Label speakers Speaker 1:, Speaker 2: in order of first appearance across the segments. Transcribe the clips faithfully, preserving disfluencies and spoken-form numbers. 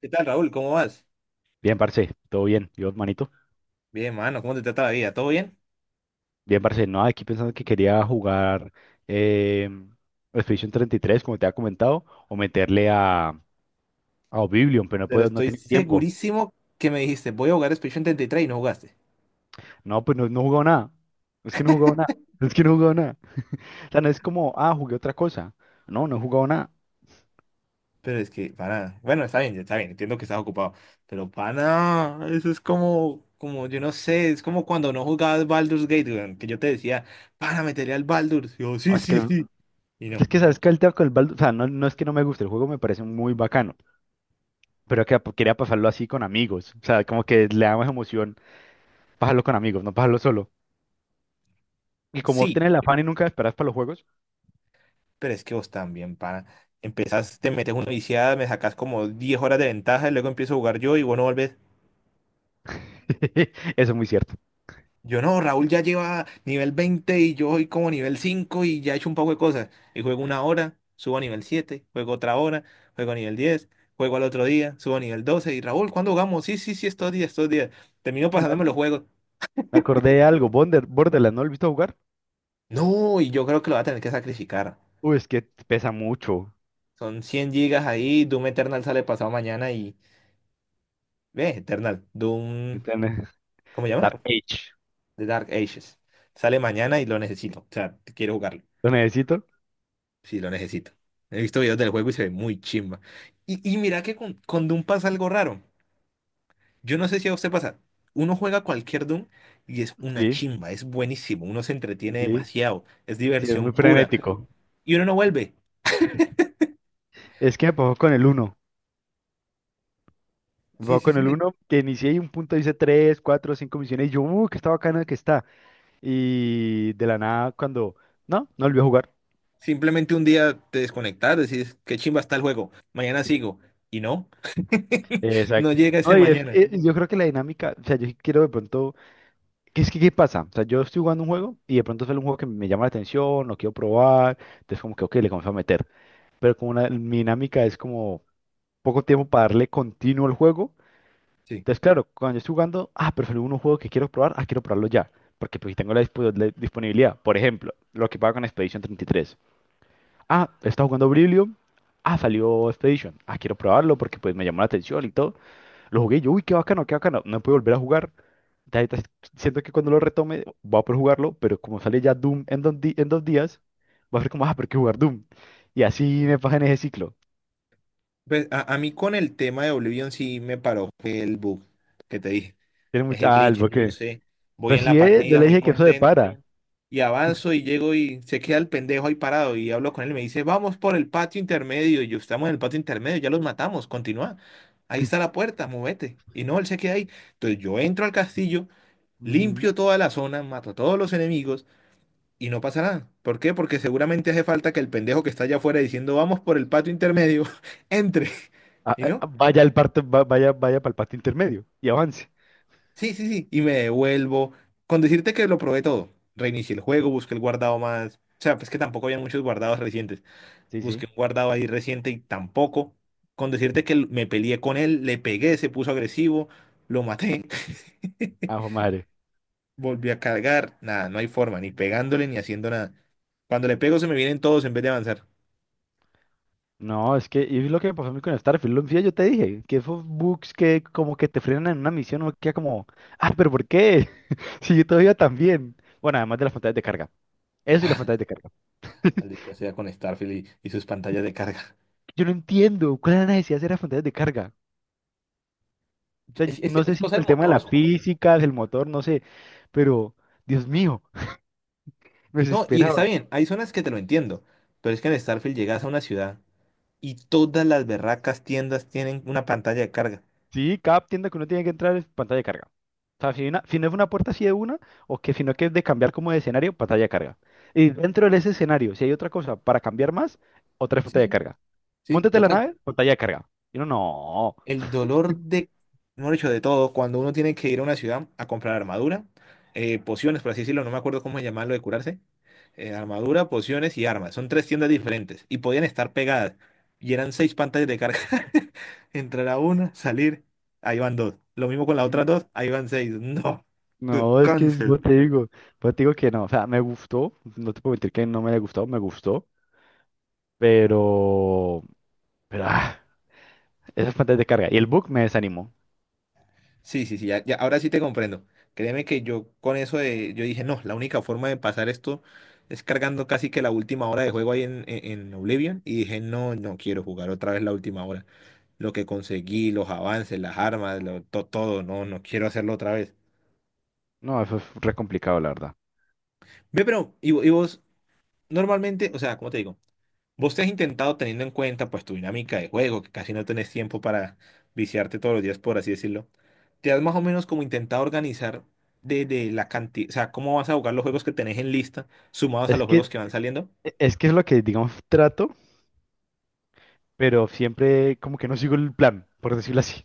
Speaker 1: ¿Qué tal, Raúl? ¿Cómo vas?
Speaker 2: Bien, parce, todo bien. Yo, manito.
Speaker 1: Bien, mano, ¿cómo te trata la vida? ¿Todo bien?
Speaker 2: Bien, parce, no, aquí pensando que quería jugar eh, Expedition treinta y tres, como te había comentado, o meterle a, a Oblivion, pero no
Speaker 1: Pero
Speaker 2: puedo, no
Speaker 1: estoy
Speaker 2: tenía tiempo.
Speaker 1: segurísimo que me dijiste, voy a jugar Expedition treinta y tres y tres y no jugaste.
Speaker 2: No, pues no, no he jugado nada. Es que no he jugado nada. Es que no he jugado nada. O sea, no es como, ah, jugué otra cosa. No, no he jugado nada.
Speaker 1: Pero es que, para, bueno, está bien, está bien, entiendo que estás ocupado. Pero, pana, eso es como, como, yo no sé, es como cuando no jugabas Baldur's Gate, weón, que yo te decía, pana, meteré al Baldur's. Y yo, sí,
Speaker 2: Es que,
Speaker 1: sí, sí. Y no,
Speaker 2: es que sabes que el tema con el Baldur's, o sea, no, no es que no me guste, el juego me parece muy bacano, pero que quería pasarlo así con amigos. O sea, como que le da más emoción pasarlo con amigos, no pasarlo solo. Y como vos
Speaker 1: sí,
Speaker 2: tenés el afán y nunca esperás para los juegos.
Speaker 1: pero es que vos también, pana. Empezás, te metes una viciada, me sacás como diez horas de ventaja y luego empiezo a jugar yo y vos no volvés.
Speaker 2: Eso es muy cierto.
Speaker 1: Yo no, Raúl ya lleva nivel veinte y yo voy como nivel cinco y ya he hecho un poco de cosas. Y juego una hora, subo a nivel siete, juego otra hora, juego a nivel diez, juego al otro día, subo a nivel doce. Y Raúl, ¿cuándo jugamos? Sí, sí, sí, estos días, estos días. Termino pasándome los
Speaker 2: Me
Speaker 1: juegos.
Speaker 2: me acordé de algo. Bonder- Borderlands, ¿no lo he visto jugar?
Speaker 1: No, y yo creo que lo va a tener que sacrificar.
Speaker 2: Uy, es que pesa mucho.
Speaker 1: Son cien gigas ahí, Doom Eternal sale pasado mañana y... Ve, Eternal, Doom...
Speaker 2: Tiene-
Speaker 1: ¿Cómo se llama?
Speaker 2: Dark Age.
Speaker 1: The Dark Ages. Sale mañana y lo necesito. O sea, quiero jugarlo.
Speaker 2: ¿Lo necesito?
Speaker 1: Sí, lo necesito. He visto videos del juego y se ve muy chimba. Y, y mira que con, con Doom pasa algo raro. Yo no sé si a usted pasa. Uno juega cualquier Doom y es una
Speaker 2: Sí,
Speaker 1: chimba, es buenísimo. Uno se entretiene
Speaker 2: sí,
Speaker 1: demasiado, es
Speaker 2: sí, es
Speaker 1: diversión
Speaker 2: muy
Speaker 1: pura.
Speaker 2: frenético.
Speaker 1: Y uno no vuelve.
Speaker 2: Es que me pasó con el uno. Me
Speaker 1: Sí,
Speaker 2: pasó
Speaker 1: sí,
Speaker 2: con el
Speaker 1: sí.
Speaker 2: uno que inicié y un punto hice tres cuatro cinco misiones y yo, uy, que está bacana que está. Y de la nada, cuando. No, no volví a jugar.
Speaker 1: Simplemente un día te desconectas, decís, qué chimba está el juego, mañana sigo. Y no, no
Speaker 2: Exacto.
Speaker 1: llega ese
Speaker 2: No, y es-
Speaker 1: mañana.
Speaker 2: eh, yo creo que la dinámica, o sea, yo sí quiero de pronto. Es que, ¿qué pasa? O sea, yo estoy jugando un juego y de pronto sale un juego que me llama la atención, lo quiero probar, entonces como que, ok, le comienzo a meter. Pero como una, mi dinámica es como poco tiempo para darle continuo al juego,
Speaker 1: Sí.
Speaker 2: entonces claro, cuando yo estoy jugando, ah, pero salió un juego que quiero probar, ah, quiero probarlo ya, porque pues tengo la, dispo- la disponibilidad. Por ejemplo, lo que pasa con Expedition treinta y tres. Ah, está jugando Oblivion, ah, salió Expedition, ah, quiero probarlo porque pues me llamó la atención y todo. Lo jugué y yo, uy, qué bacano, qué bacano, no puedo volver a jugar ya ahorita, siento que cuando lo retome voy a poder jugarlo, pero como sale ya Doom en dos, di- en dos días, va a ser como, ah, pero hay que jugar Doom. Y así me pasa en ese ciclo.
Speaker 1: Pues a, a mí con el tema de Oblivion sí me paró el bug que te dije.
Speaker 2: Tiene
Speaker 1: Es el
Speaker 2: mucha
Speaker 1: glitch,
Speaker 2: algo
Speaker 1: yo no
Speaker 2: que.
Speaker 1: sé. Voy
Speaker 2: Pero
Speaker 1: en la
Speaker 2: si eh, yo
Speaker 1: partida
Speaker 2: le
Speaker 1: muy
Speaker 2: dije que eso de
Speaker 1: contento
Speaker 2: para.
Speaker 1: y avanzo y llego y se queda el pendejo ahí parado y hablo con él y me dice, vamos por el patio intermedio. Y yo, estamos en el patio intermedio, ya los matamos, continúa. Ahí está la puerta, movete. Y no, él se queda ahí. Entonces yo entro al castillo,
Speaker 2: Ujú.
Speaker 1: limpio toda la zona, mato a todos los enemigos y no pasa nada. ¿Por qué? Porque seguramente hace falta que el pendejo que está allá afuera diciendo, vamos por el patio intermedio, entre.
Speaker 2: Ah,
Speaker 1: ¿Y
Speaker 2: ah, ah,
Speaker 1: no?
Speaker 2: vaya al parte, va- vaya, vaya para el parte intermedio y avance.
Speaker 1: Sí, sí, sí. Y me devuelvo. Con decirte que lo probé todo. Reinicié el juego, busqué el guardado más. O sea, pues que tampoco había muchos guardados recientes.
Speaker 2: Sí, sí.
Speaker 1: Busqué un guardado ahí reciente y tampoco. Con decirte que me peleé con él, le pegué, se puso agresivo, lo maté.
Speaker 2: Ajo madre.
Speaker 1: Volví a cargar. Nada, no hay forma, ni pegándole ni haciendo nada. Cuando le pego se me vienen todos en vez de avanzar.
Speaker 2: No, es que y es lo que me pasó a mí con Starfield. Lo yo te dije, que esos bugs que como que te frenan en una misión, uno queda como, ah, pero ¿por qué? Si yo todavía también. Bueno, además de las pantallas de carga. Eso y las pantallas de carga.
Speaker 1: Maldita sea con Starfield y, y sus pantallas de carga.
Speaker 2: Yo no entiendo cuál era la necesidad de hacer esas de carga. O sea,
Speaker 1: Es,
Speaker 2: yo-
Speaker 1: es-
Speaker 2: no
Speaker 1: es
Speaker 2: sé si
Speaker 1: cosa
Speaker 2: fue
Speaker 1: del
Speaker 2: el tema de
Speaker 1: motor,
Speaker 2: la
Speaker 1: supongo yo.
Speaker 2: física del motor, no sé, pero Dios mío, me
Speaker 1: No, y
Speaker 2: desesperaba.
Speaker 1: está bien, hay zonas que te lo entiendo, pero es que en Starfield llegas a una ciudad y todas las berracas tiendas tienen una pantalla de carga.
Speaker 2: Sí, cada tienda que uno tiene que entrar es pantalla de carga. O sea, si, una- si no es una puerta así de una, o que si no que es de cambiar como de escenario, pantalla de carga. Y dentro de ese escenario, si hay otra cosa para cambiar más, otra es
Speaker 1: Sí,
Speaker 2: pantalla de
Speaker 1: sí.
Speaker 2: carga.
Speaker 1: Sí,
Speaker 2: Móntate en la
Speaker 1: total.
Speaker 2: nave, pantalla de carga. Y uno, no.
Speaker 1: El dolor de, no dicho, de todo, cuando uno tiene que ir a una ciudad a comprar armadura, eh, pociones, por así decirlo, no me acuerdo cómo llamarlo de curarse, eh, armadura, pociones y armas. Son tres tiendas diferentes y podían estar pegadas y eran seis pantallas de carga. Entrar a una, salir, ahí van dos. Lo mismo con las otras
Speaker 2: Ujú.
Speaker 1: dos, ahí van seis. No, qué
Speaker 2: No, es que es- yo
Speaker 1: cáncer.
Speaker 2: te digo, yo te digo que no, o sea, me gustó, no te puedo mentir que no me haya gustado, me gustó. Pero, pero ah, esas fuentes de carga. Y el bug me desanimó.
Speaker 1: Sí, sí, sí, ya, ya, ahora sí te comprendo. Créeme que yo con eso de, yo dije, no, la única forma de pasar esto es cargando casi que la última hora de juego ahí en, en, en Oblivion. Y dije, no, no quiero jugar otra vez la última hora. Lo que conseguí, los avances, las armas, lo- to- todo, no, no quiero hacerlo otra vez.
Speaker 2: No, eso es re complicado, la verdad.
Speaker 1: Ve, pero, y, vo- y vos, normalmente, o sea, ¿cómo te digo? ¿Vos te has intentado teniendo en cuenta pues tu dinámica de juego, que casi no tenés tiempo para viciarte todos los días, por así decirlo? ¿Te has más o menos como intentado organizar de, de la cantidad, o sea, cómo vas a jugar los juegos que tenés en lista, sumados a
Speaker 2: Es
Speaker 1: los juegos
Speaker 2: que,
Speaker 1: que van saliendo?
Speaker 2: es que es lo que, digamos, trato, pero siempre como que no sigo el plan, por decirlo así.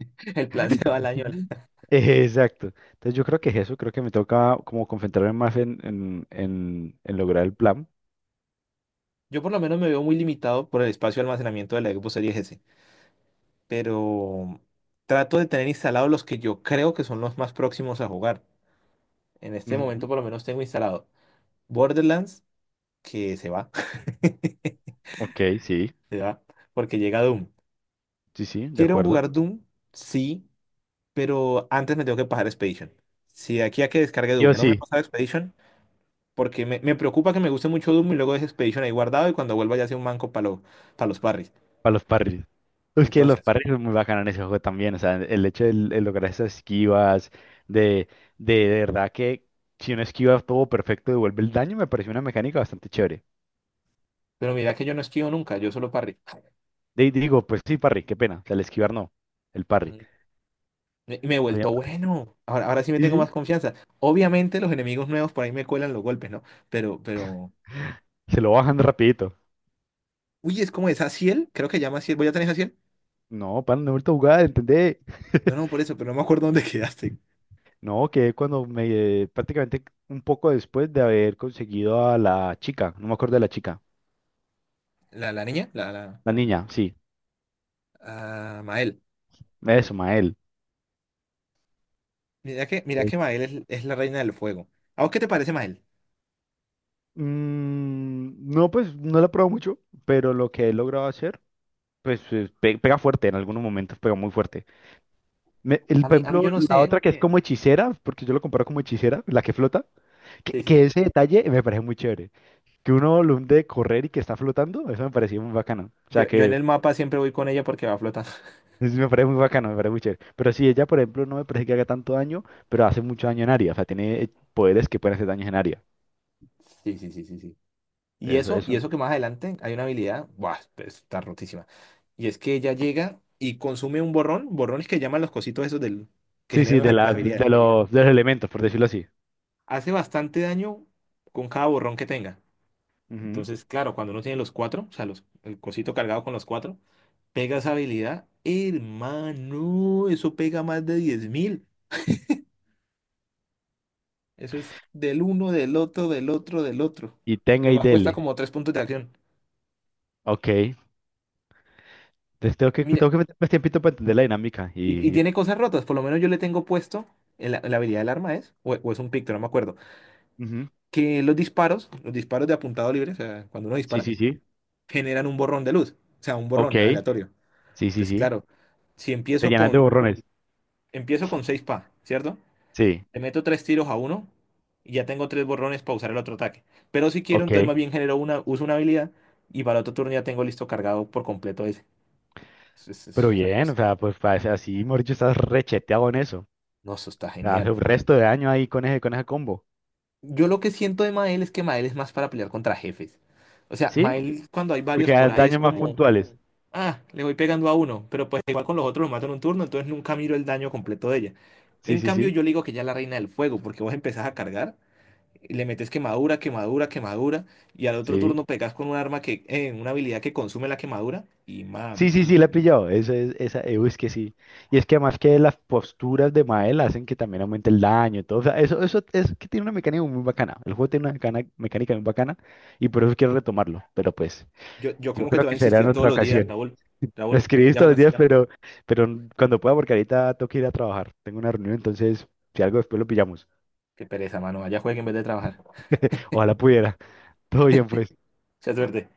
Speaker 1: El plan se va al año.
Speaker 2: Exacto. Entonces yo creo que es eso, creo que me toca como concentrarme más en, en, en, en lograr el plan.
Speaker 1: Yo por lo menos me veo muy limitado por el espacio de almacenamiento de la Xbox Series S, pero trato de tener instalados los que yo creo que son los más próximos a jugar. En este
Speaker 2: Ujú.
Speaker 1: momento por lo menos tengo instalado Borderlands, que se va,
Speaker 2: Ok, sí,
Speaker 1: se va, porque llega Doom.
Speaker 2: sí, sí, de
Speaker 1: Quiero
Speaker 2: acuerdo.
Speaker 1: jugar Doom, sí, pero antes me tengo que pasar Expedition. Si de aquí a que descargue
Speaker 2: Yo
Speaker 1: Doom no
Speaker 2: sí. O
Speaker 1: me
Speaker 2: sí.
Speaker 1: pasa Expedition, porque me, me preocupa que me guste mucho Doom y luego deje Expedition ahí guardado y cuando vuelva ya sea un manco para los parries.
Speaker 2: Para los parries. Es que los
Speaker 1: Entonces,
Speaker 2: parries son muy bacanos en ese juego también. O sea, el hecho de, de lograr esas esquivas, de, de, de verdad que si uno esquiva todo perfecto, devuelve el daño, me pareció una mecánica bastante chévere.
Speaker 1: pero mira que yo no esquivo nunca, yo solo parry.
Speaker 2: De, digo, pues sí, parry, qué pena. O sea, el esquivar no, el parry.
Speaker 1: Mm, Me, me he
Speaker 2: Había-
Speaker 1: vuelto bueno. Ahora, ahora sí me
Speaker 2: Sí,
Speaker 1: tengo más
Speaker 2: sí.
Speaker 1: confianza. Obviamente los enemigos nuevos por ahí me cuelan los golpes, ¿no? Pero, pero...
Speaker 2: Se lo bajan rapidito.
Speaker 1: Uy, es como esa Ciel, creo que llama Ciel. ¿Voy a tener Ciel?
Speaker 2: No, pan, no he vuelto a jugar, ¿entendé?
Speaker 1: No, no, por eso, pero no me acuerdo dónde quedaste.
Speaker 2: No, que cuando me... prácticamente un poco después de haber conseguido a la chica, no me acuerdo de la chica,
Speaker 1: ¿La, la niña? La, la...
Speaker 2: la niña, sí,
Speaker 1: ah, Mael.
Speaker 2: eso, Mael.
Speaker 1: Mira que, mira que Mael es, es la reina del fuego. ¿A vos qué te parece Mael?
Speaker 2: Mm, no, pues no la he probado mucho, pero lo que he logrado hacer, pues eh, pe- pega fuerte, en algunos momentos pega muy fuerte. Me- el,
Speaker 1: A
Speaker 2: por
Speaker 1: mí, a mí
Speaker 2: ejemplo,
Speaker 1: yo no
Speaker 2: la Uno
Speaker 1: sé.
Speaker 2: otra Uno que es que, como hechicera, porque yo lo comparo como hechicera, la que flota, que,
Speaker 1: Sí, sí,
Speaker 2: que
Speaker 1: sí.
Speaker 2: ese detalle me parece muy chévere. Que uno lo de correr y que está flotando, eso me parecía muy bacano. O sea
Speaker 1: Yo, yo en
Speaker 2: que
Speaker 1: el mapa siempre voy con ella porque va flotando.
Speaker 2: eso me parece muy bacano, me parece muy chévere. Pero sí, ella, por ejemplo, no me parece que haga tanto daño, pero hace mucho daño en área. O sea, tiene eh, poderes que pueden hacer daño en área.
Speaker 1: Sí, sí, sí, sí, sí. Y
Speaker 2: Entonces,
Speaker 1: eso, y
Speaker 2: eso. Eso-
Speaker 1: eso que más adelante hay una habilidad, ¡buah! Pues, está rotísima. Y es que ella llega y consume un borrón, borrones que llaman los cositos esos del, que
Speaker 2: Sí, sí,
Speaker 1: generan
Speaker 2: de
Speaker 1: las,
Speaker 2: la,
Speaker 1: las
Speaker 2: no
Speaker 1: habilidades,
Speaker 2: de
Speaker 1: ¿no?
Speaker 2: los, de los elementos, por decirlo así.
Speaker 1: Hace bastante daño con cada borrón que tenga.
Speaker 2: Ujú.
Speaker 1: Entonces, claro, cuando uno tiene los cuatro, o sea, los, el cosito cargado con los cuatro, pega esa habilidad, hermano, eso pega más de diez mil. Eso es del uno, del otro, del otro, del otro.
Speaker 2: Y
Speaker 1: Y
Speaker 2: tenga y
Speaker 1: nomás cuesta
Speaker 2: dele.
Speaker 1: como tres puntos de acción.
Speaker 2: Ok. Entonces tengo
Speaker 1: Y
Speaker 2: que,
Speaker 1: mire,
Speaker 2: tengo que meter más tiempito para entender la dinámica.
Speaker 1: y, y
Speaker 2: Y, y-
Speaker 1: tiene cosas rotas, por lo menos yo le tengo puesto, en la, en la habilidad del arma es, o, o es un picto, no me acuerdo,
Speaker 2: Ujú.
Speaker 1: que los disparos, los disparos de apuntado libre, o sea, cuando uno
Speaker 2: Sí,
Speaker 1: dispara,
Speaker 2: sí, sí.
Speaker 1: generan un borrón de luz, o sea, un
Speaker 2: Ok.
Speaker 1: borrón aleatorio.
Speaker 2: Sí, sí,
Speaker 1: Entonces,
Speaker 2: sí.
Speaker 1: claro, si
Speaker 2: Te
Speaker 1: empiezo
Speaker 2: llenas de
Speaker 1: con,
Speaker 2: borrones.
Speaker 1: empiezo con seis pa, ¿cierto?
Speaker 2: Sí.
Speaker 1: Le meto tres tiros a uno y ya tengo tres borrones para usar el otro ataque. Pero si quiero,
Speaker 2: Ok.
Speaker 1: entonces más bien genero una, uso una habilidad y para el otro turno ya tengo listo cargado por completo ese. Es, es-
Speaker 2: Pero
Speaker 1: es una
Speaker 2: bien, o
Speaker 1: cosa.
Speaker 2: sea, pues parece así, Mauricio, estás recheteado en eso.
Speaker 1: No, eso está
Speaker 2: O sea, hace
Speaker 1: genial.
Speaker 2: un resto de daño ahí con ese, con ese combo.
Speaker 1: Yo lo que siento de Mael es que Mael es más para pelear contra jefes. O sea,
Speaker 2: ¿Sí?
Speaker 1: Mael cuando hay
Speaker 2: Porque
Speaker 1: varios por
Speaker 2: das
Speaker 1: ahí es
Speaker 2: daños más
Speaker 1: como,
Speaker 2: puntuales.
Speaker 1: ah, le voy pegando a uno, pero pues igual con los otros los mato en un turno, entonces nunca miro el daño completo de ella.
Speaker 2: Sí,
Speaker 1: En
Speaker 2: sí,
Speaker 1: cambio,
Speaker 2: sí.
Speaker 1: yo le digo que ya es la reina del fuego, porque vos empezás a cargar. Le metes quemadura, quemadura, quemadura, y al otro
Speaker 2: Sí.
Speaker 1: turno pegas con un arma que, eh, una habilidad que consume la quemadura, y
Speaker 2: Sí, sí,
Speaker 1: mami,
Speaker 2: sí, la he pillado. Esa, es- esa, eh, uy, es que sí. Y es que además que las posturas de Mael hacen que también aumente el daño y todo. O sea, eso, eso es que tiene una mecánica muy bacana. El juego tiene una mecana- mecánica muy bacana y por eso quiero retomarlo. Pero pues,
Speaker 1: yo, yo
Speaker 2: yo
Speaker 1: como que
Speaker 2: creo
Speaker 1: te voy
Speaker 2: que
Speaker 1: a
Speaker 2: será en
Speaker 1: insistir todos
Speaker 2: otra
Speaker 1: los días,
Speaker 2: ocasión.
Speaker 1: Raúl,
Speaker 2: Me
Speaker 1: Raúl,
Speaker 2: escribís
Speaker 1: ya
Speaker 2: todos los
Speaker 1: jugaste.
Speaker 2: días, pero, pero cuando pueda, porque ahorita tengo que ir a trabajar. Tengo una reunión, entonces, si algo después lo pillamos.
Speaker 1: Qué pereza, mano, allá juegue en vez de trabajar.
Speaker 2: Ojalá pudiera. Todo bien, pues.
Speaker 1: Se suerte.